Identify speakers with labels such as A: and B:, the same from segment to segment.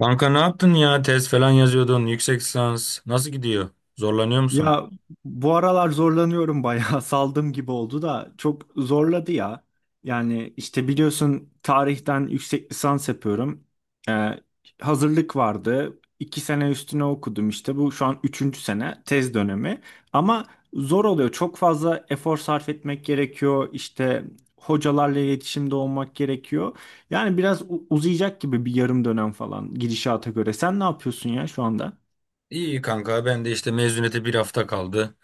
A: Kanka ne yaptın ya? Tez falan yazıyordun. Yüksek lisans. Nasıl gidiyor? Zorlanıyor musun?
B: Ya bu aralar zorlanıyorum bayağı saldım gibi oldu da çok zorladı ya. Yani işte biliyorsun tarihten yüksek lisans yapıyorum. Ee, Hazırlık vardı. 2 sene üstüne okudum işte, bu şu an üçüncü sene tez dönemi. Ama zor oluyor, çok fazla efor sarf etmek gerekiyor. İşte hocalarla iletişimde olmak gerekiyor. Yani biraz uzayacak gibi, bir yarım dönem falan gidişata göre. Sen ne yapıyorsun ya şu anda?
A: İyi kanka. Ben de işte mezuniyete bir hafta kaldı.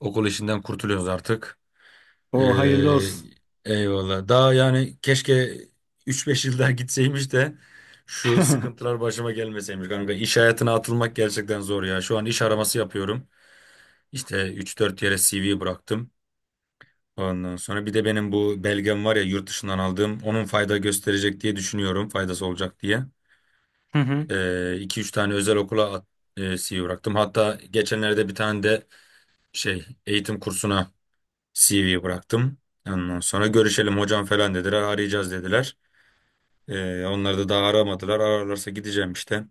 A: Okul işinden kurtuluyoruz artık. Ee,
B: O hayırlı olsun.
A: Eyvallah. Daha yani keşke 3-5 yıl daha gitseymiş de şu sıkıntılar başıma gelmeseymiş kanka. İş hayatına atılmak gerçekten zor ya. Şu an iş araması yapıyorum. İşte 3-4 yere CV bıraktım. Ondan sonra bir de benim bu belgem var ya yurt dışından aldığım. Onun fayda gösterecek diye düşünüyorum. Faydası olacak diye. İki üç tane özel okula CV bıraktım. Hatta geçenlerde bir tane de eğitim kursuna CV bıraktım. Ondan sonra görüşelim hocam falan dediler. Arayacağız dediler. Onları da daha aramadılar. Ararlarsa gideceğim işte.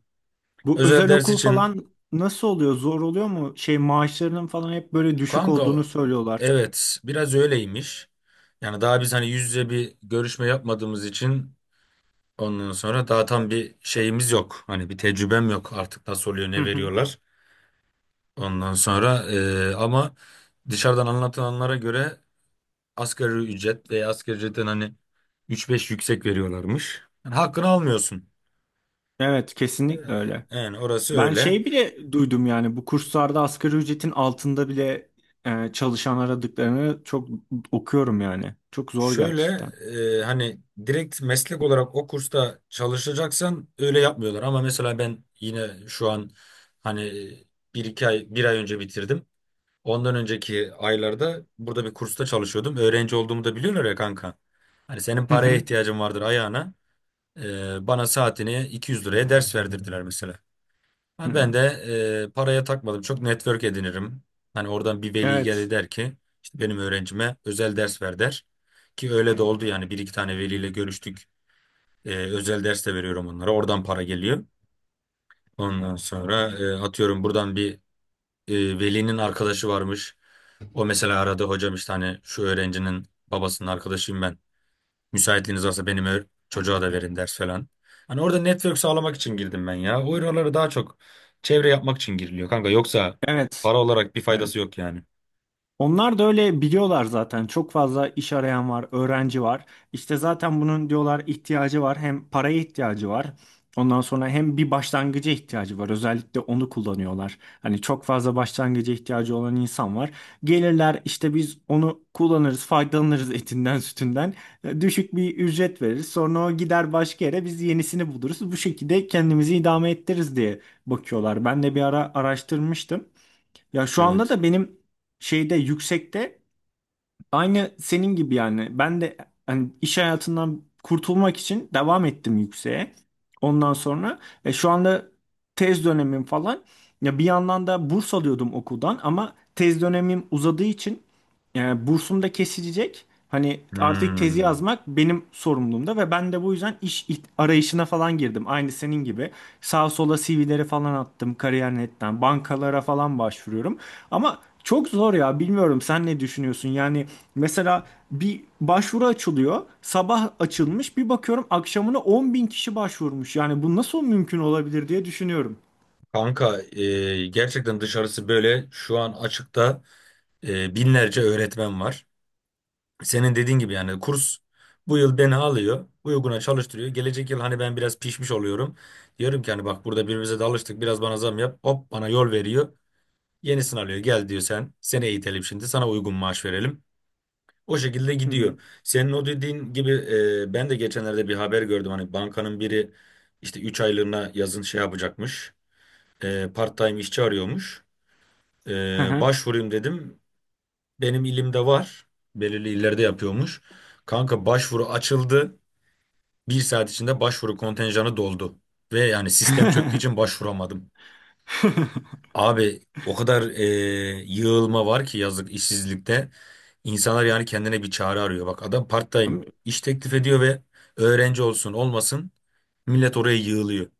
B: Bu
A: Özel
B: özel
A: ders
B: okul
A: için
B: falan nasıl oluyor? Zor oluyor mu? Şey, maaşlarının falan hep böyle düşük
A: kanka
B: olduğunu söylüyorlar.
A: evet biraz öyleymiş. Yani daha biz hani yüz yüze bir görüşme yapmadığımız için ondan sonra daha tam bir şeyimiz yok. Hani bir tecrübem yok artık nasıl oluyor
B: Hı
A: ne
B: hı.
A: veriyorlar. Ondan sonra ama dışarıdan anlatılanlara göre asgari ücret veya asgari ücretten hani üç beş yüksek veriyorlarmış. Yani hakkını almıyorsun.
B: Evet, kesinlikle öyle.
A: Yani orası
B: Ben
A: öyle.
B: şey bile duydum yani, bu kurslarda asgari ücretin altında bile çalışan aradıklarını çok okuyorum yani. Çok zor
A: Şöyle
B: gerçekten.
A: hani direkt meslek olarak o kursta çalışacaksan öyle yapmıyorlar. Ama mesela ben yine şu an hani bir iki ay bir ay önce bitirdim. Ondan önceki aylarda burada bir kursta çalışıyordum. Öğrenci olduğumu da biliyorlar ya kanka. Hani senin
B: Hı
A: paraya
B: hı.
A: ihtiyacın vardır ayağına. Bana saatini 200 liraya ders verdirdiler mesela.
B: Hı.
A: Ha, ben de paraya takmadım. Çok network edinirim. Hani oradan bir veli gelir
B: Evet.
A: der ki işte benim öğrencime özel ders ver der. Ki öyle de oldu yani bir iki tane veliyle görüştük. Özel ders de veriyorum onlara. Oradan para geliyor. Ondan sonra atıyorum buradan bir e, velinin arkadaşı varmış. O mesela aradı hocam işte hani şu öğrencinin babasının arkadaşıyım ben. Müsaitliğiniz olsa benim çocuğa da verin ders falan. Hani orada network sağlamak için girdim ben ya. O oraları daha çok çevre yapmak için giriliyor kanka. Yoksa
B: Evet.
A: para olarak bir
B: Evet.
A: faydası yok yani.
B: Onlar da öyle biliyorlar zaten. Çok fazla iş arayan var, öğrenci var. İşte zaten bunun diyorlar ihtiyacı var. Hem paraya ihtiyacı var. Ondan sonra hem bir başlangıca ihtiyacı var. Özellikle onu kullanıyorlar. Hani çok fazla başlangıca ihtiyacı olan insan var. Gelirler işte, biz onu kullanırız, faydalanırız etinden, sütünden. Düşük bir ücret veririz. Sonra o gider başka yere, biz yenisini buluruz. Bu şekilde kendimizi idame ettiririz diye bakıyorlar. Ben de bir ara araştırmıştım. Ya şu anda
A: Evet.
B: da benim şeyde, yüksekte, aynı senin gibi yani. Ben de hani iş hayatından kurtulmak için devam ettim yükseğe. Ondan sonra şu anda tez dönemim falan. Ya bir yandan da burs alıyordum okuldan, ama tez dönemim uzadığı için yani bursum da kesilecek. Hani artık tezi
A: Hmm.
B: yazmak benim sorumluluğumda, ve ben de bu yüzden iş arayışına falan girdim. Aynı senin gibi. Sağa sola CV'leri falan attım, kariyer.net'ten bankalara falan başvuruyorum. Ama çok zor ya, bilmiyorum sen ne düşünüyorsun? Yani mesela bir başvuru açılıyor. Sabah açılmış, bir bakıyorum akşamına 10 bin kişi başvurmuş. Yani bu nasıl mümkün olabilir diye düşünüyorum.
A: Kanka gerçekten dışarısı böyle şu an açıkta binlerce öğretmen var. Senin dediğin gibi yani kurs bu yıl beni alıyor. Uyguna çalıştırıyor. Gelecek yıl hani ben biraz pişmiş oluyorum. Diyorum ki hani bak burada birbirimize de alıştık biraz bana zam yap. Hop bana yol veriyor. Yenisini alıyor. Gel diyor sen. Seni eğitelim şimdi. Sana uygun maaş verelim. O şekilde
B: Hı hı.
A: gidiyor. Senin o dediğin gibi ben de geçenlerde bir haber gördüm. Hani bankanın biri işte 3 aylığına yazın şey yapacakmış. Part-time işçi arıyormuş.
B: Hı
A: Başvurayım dedim. Benim ilimde var. Belirli illerde yapıyormuş. Kanka başvuru açıldı. Bir saat içinde başvuru kontenjanı doldu. Ve yani sistem çöktüğü için başvuramadım. Abi o kadar yığılma var ki yazık işsizlikte. İnsanlar yani kendine bir çare arıyor. Bak adam part-time
B: hı.
A: iş teklif ediyor ve öğrenci olsun olmasın millet oraya yığılıyor.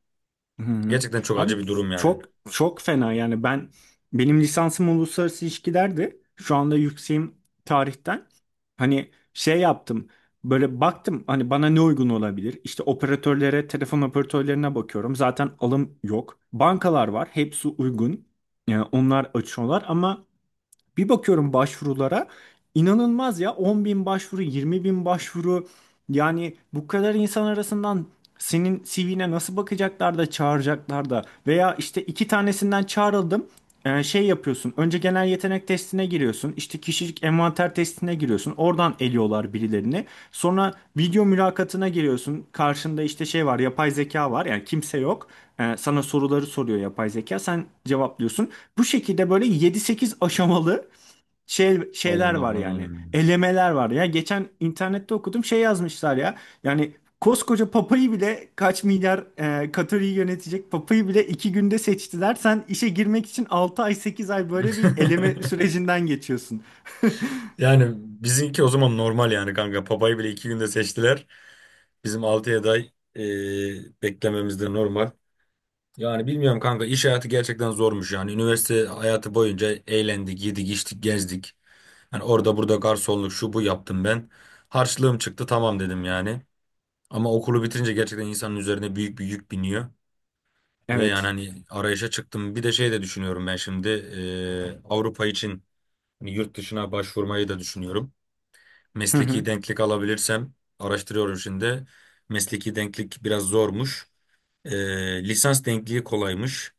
B: Hı hı.
A: Gerçekten çok acı
B: Abi
A: bir durum yani.
B: çok çok fena yani, benim lisansım uluslararası ilişkilerdi. Şu anda yükseğim tarihten. Hani şey yaptım. Böyle baktım hani bana ne uygun olabilir? İşte operatörlere, telefon operatörlerine bakıyorum. Zaten alım yok. Bankalar var, hepsi uygun. Yani onlar açıyorlar ama bir bakıyorum başvurulara, inanılmaz ya, 10 bin başvuru, 20 bin başvuru. Yani bu kadar insan arasından senin CV'ne nasıl bakacaklar da çağıracaklar da? Veya işte iki tanesinden çağrıldım. Şey yapıyorsun, önce genel yetenek testine giriyorsun, işte kişilik envanter testine giriyorsun, oradan eliyorlar birilerini. Sonra video mülakatına giriyorsun, karşında işte şey var, yapay zeka var, yani kimse yok. Sana soruları soruyor yapay zeka, sen cevaplıyorsun. Bu şekilde böyle yedi sekiz aşamalı şeyler var yani.
A: Allah'ım.
B: Elemeler var. Ya geçen internette okudum, şey yazmışlar ya. Yani koskoca papayı bile, kaç milyar Katar'ı yönetecek papayı bile 2 günde seçtiler. Sen işe girmek için 6 ay, 8 ay böyle bir eleme sürecinden geçiyorsun.
A: Yani bizimki o zaman normal yani kanka. Papayı bile iki günde seçtiler. Bizim 6'ya beklememiz de normal. Yani bilmiyorum kanka iş hayatı gerçekten zormuş yani. Üniversite hayatı boyunca eğlendik, yedik, içtik, gezdik. Yani orada burada garsonluk şu bu yaptım ben. Harçlığım çıktı tamam dedim yani. Ama okulu bitirince gerçekten insanın üzerine büyük bir yük biniyor. Ve yani
B: Evet.
A: hani arayışa çıktım. Bir de şey de düşünüyorum ben şimdi Avrupa için hani yurt dışına başvurmayı da düşünüyorum.
B: Hı hı.
A: Mesleki denklik alabilirsem araştırıyorum şimdi. Mesleki denklik biraz zormuş. Lisans denkliği kolaymış.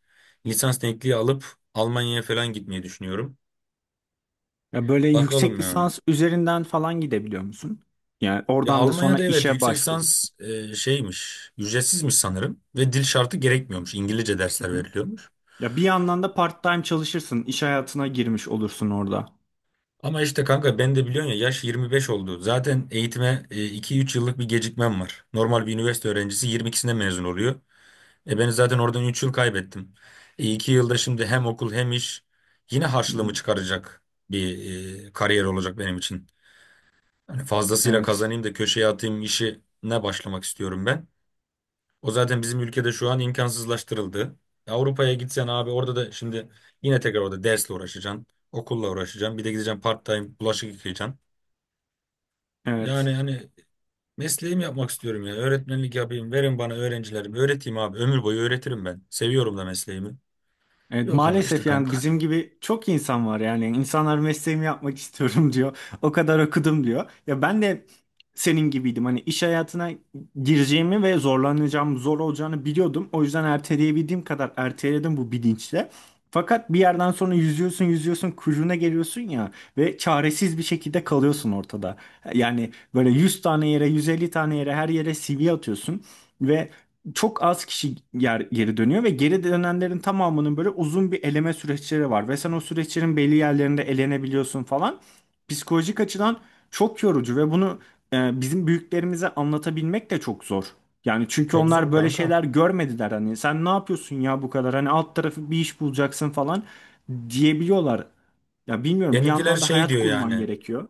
A: Lisans denkliği alıp Almanya'ya falan gitmeyi düşünüyorum.
B: Ya böyle yüksek
A: Bakalım ya.
B: lisans üzerinden falan gidebiliyor musun? Yani
A: Ya
B: oradan da sonra
A: Almanya'da evet
B: işe
A: yüksek
B: başvurursun.
A: lisans şeymiş, ücretsizmiş sanırım ve dil şartı gerekmiyormuş. İngilizce
B: Hı
A: dersler
B: hı.
A: veriliyormuş.
B: Ya bir yandan da part-time çalışırsın, iş hayatına girmiş olursun orada.
A: Ama işte kanka ben de biliyorsun ya yaş 25 oldu. Zaten eğitime iki üç yıllık bir gecikmem var. Normal bir üniversite öğrencisi 22'sinde mezun oluyor. Ben zaten oradan 3 yıl kaybettim. 2 yılda şimdi hem okul hem iş yine
B: Hı
A: harçlığımı
B: hı.
A: çıkaracak bir kariyer olacak benim için. Hani fazlasıyla
B: Evet.
A: kazanayım da köşeye atayım işine başlamak istiyorum ben. O zaten bizim ülkede şu an imkansızlaştırıldı. Avrupa'ya gitsen abi orada da şimdi yine tekrar orada dersle uğraşacaksın. Okulla uğraşacaksın. Bir de gideceksin part time bulaşık yıkayacaksın. Yani
B: Evet.
A: hani mesleğimi yapmak istiyorum ya. Öğretmenlik yapayım. Verin bana öğrencilerimi. Öğreteyim abi. Ömür boyu öğretirim ben. Seviyorum da mesleğimi.
B: Evet
A: Yok ama işte
B: maalesef, yani
A: kanka.
B: bizim gibi çok insan var, yani insanlar mesleğimi yapmak istiyorum diyor. O kadar okudum diyor. Ya ben de senin gibiydim. Hani iş hayatına gireceğimi ve zorlanacağım, zor olacağını biliyordum. O yüzden erteleyebildiğim kadar erteledim bu bilinçle. Fakat bir yerden sonra yüzüyorsun, yüzüyorsun, kuyruğuna geliyorsun ya, ve çaresiz bir şekilde kalıyorsun ortada. Yani böyle 100 tane yere, 150 tane yere, her yere CV atıyorsun ve çok az kişi yer, geri dönüyor, ve geri dönenlerin tamamının böyle uzun bir eleme süreçleri var, ve sen o süreçlerin belli yerlerinde elenebiliyorsun falan. Psikolojik açıdan çok yorucu ve bunu bizim büyüklerimize anlatabilmek de çok zor. Yani çünkü
A: Çok zor
B: onlar böyle
A: kanka.
B: şeyler görmediler, hani sen ne yapıyorsun ya bu kadar, hani alt tarafı bir iş bulacaksın falan diyebiliyorlar. Ya bilmiyorum, bir
A: Benimkiler
B: yandan da
A: şey
B: hayat
A: diyor
B: kurman
A: yani.
B: gerekiyor.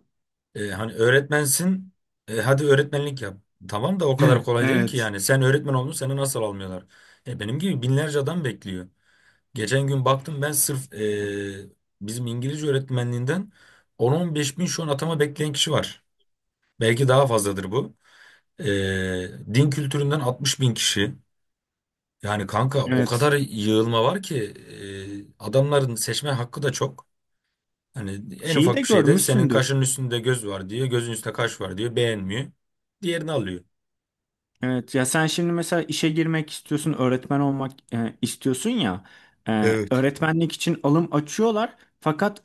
A: Hani öğretmensin. Hadi öğretmenlik yap. Tamam da o kadar kolay değil ki
B: Evet.
A: yani. Sen öğretmen oldun seni nasıl almıyorlar? Benim gibi binlerce adam bekliyor. Geçen gün baktım ben sırf bizim İngilizce öğretmenliğinden 10-15 bin şu an atama bekleyen kişi var. Belki daha fazladır bu. Din kültüründen 60 bin kişi. Yani kanka o
B: Evet.
A: kadar yığılma var ki adamların seçme hakkı da çok. Hani en
B: Şeyi
A: ufak
B: de
A: bir şeyde senin
B: görmüşsündür.
A: kaşının üstünde göz var diyor, gözün üstünde kaş var diyor, beğenmiyor. Diğerini alıyor.
B: Evet ya, sen şimdi mesela işe girmek istiyorsun, öğretmen olmak istiyorsun ya.
A: Evet.
B: Öğretmenlik için alım açıyorlar. Fakat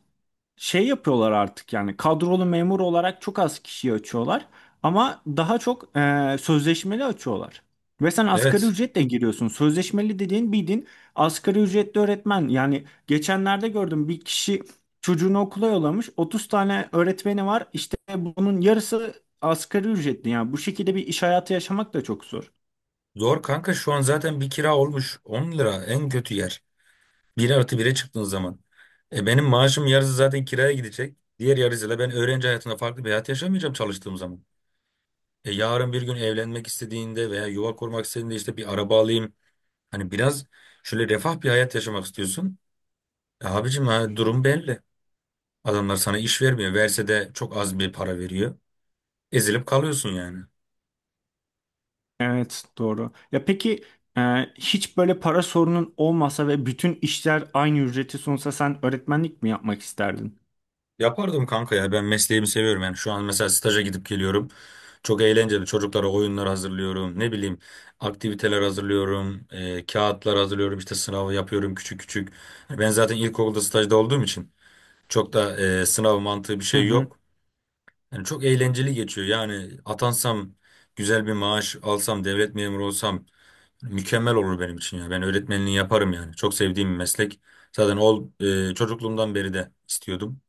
B: şey yapıyorlar artık yani, kadrolu memur olarak çok az kişiyi açıyorlar, ama daha çok sözleşmeli açıyorlar. Ve sen asgari
A: Evet.
B: ücretle giriyorsun. Sözleşmeli dediğin bildiğin asgari ücretli öğretmen. Yani geçenlerde gördüm, bir kişi çocuğunu okula yollamış. 30 tane öğretmeni var. İşte bunun yarısı asgari ücretli. Yani bu şekilde bir iş hayatı yaşamak da çok zor.
A: Zor kanka şu an zaten bir kira olmuş 10 lira en kötü yer. Bir artı bire çıktığın zaman. Benim maaşım yarısı zaten kiraya gidecek. Diğer yarısıyla ben öğrenci hayatında farklı bir hayat yaşamayacağım çalıştığım zaman. Yarın bir gün evlenmek istediğinde veya yuva kurmak istediğinde işte bir araba alayım. Hani biraz şöyle refah bir hayat yaşamak istiyorsun. Abicim ha, durum belli. Adamlar sana iş vermiyor. Verse de çok az bir para veriyor. Ezilip kalıyorsun yani.
B: Evet, doğru. Ya peki, e, hiç böyle para sorunun olmasa ve bütün işler aynı ücreti sunsa sen öğretmenlik mi yapmak isterdin?
A: Yapardım kanka ya, ben mesleğimi seviyorum yani. Şu an mesela staja gidip geliyorum, çok eğlenceli. Çocuklara oyunlar hazırlıyorum, ne bileyim aktiviteler hazırlıyorum, kağıtlar hazırlıyorum, işte sınavı yapıyorum küçük küçük. Hani ben zaten ilkokulda stajda olduğum için çok da sınav mantığı bir
B: Hı
A: şey
B: hı.
A: yok, yani çok eğlenceli geçiyor. Yani atansam, güzel bir maaş alsam, devlet memuru olsam mükemmel olur benim için. Ya ben öğretmenliği yaparım, yani çok sevdiğim bir meslek zaten. Çocukluğumdan beri de istiyordum.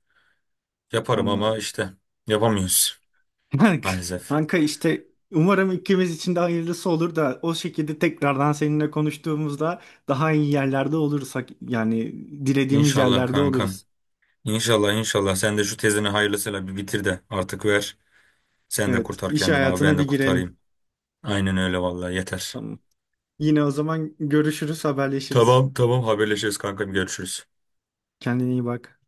A: Yaparım ama
B: Anladım.
A: işte yapamıyoruz
B: Kanka
A: maalesef.
B: kanka, işte umarım ikimiz için de hayırlısı olur da, o şekilde tekrardan seninle konuştuğumuzda daha iyi yerlerde oluruz. Yani dilediğimiz
A: İnşallah
B: yerlerde
A: kankam.
B: oluruz.
A: İnşallah inşallah sen de şu tezini hayırlısıyla bir bitir de artık ver. Sen de
B: Evet,
A: kurtar
B: iş
A: kendini abi ben
B: hayatına
A: de
B: bir girelim.
A: kurtarayım. Aynen öyle vallahi yeter.
B: Tamam. Yine o zaman görüşürüz, haberleşiriz.
A: Tamam tamam haberleşiriz kankam görüşürüz.
B: Kendine iyi bak.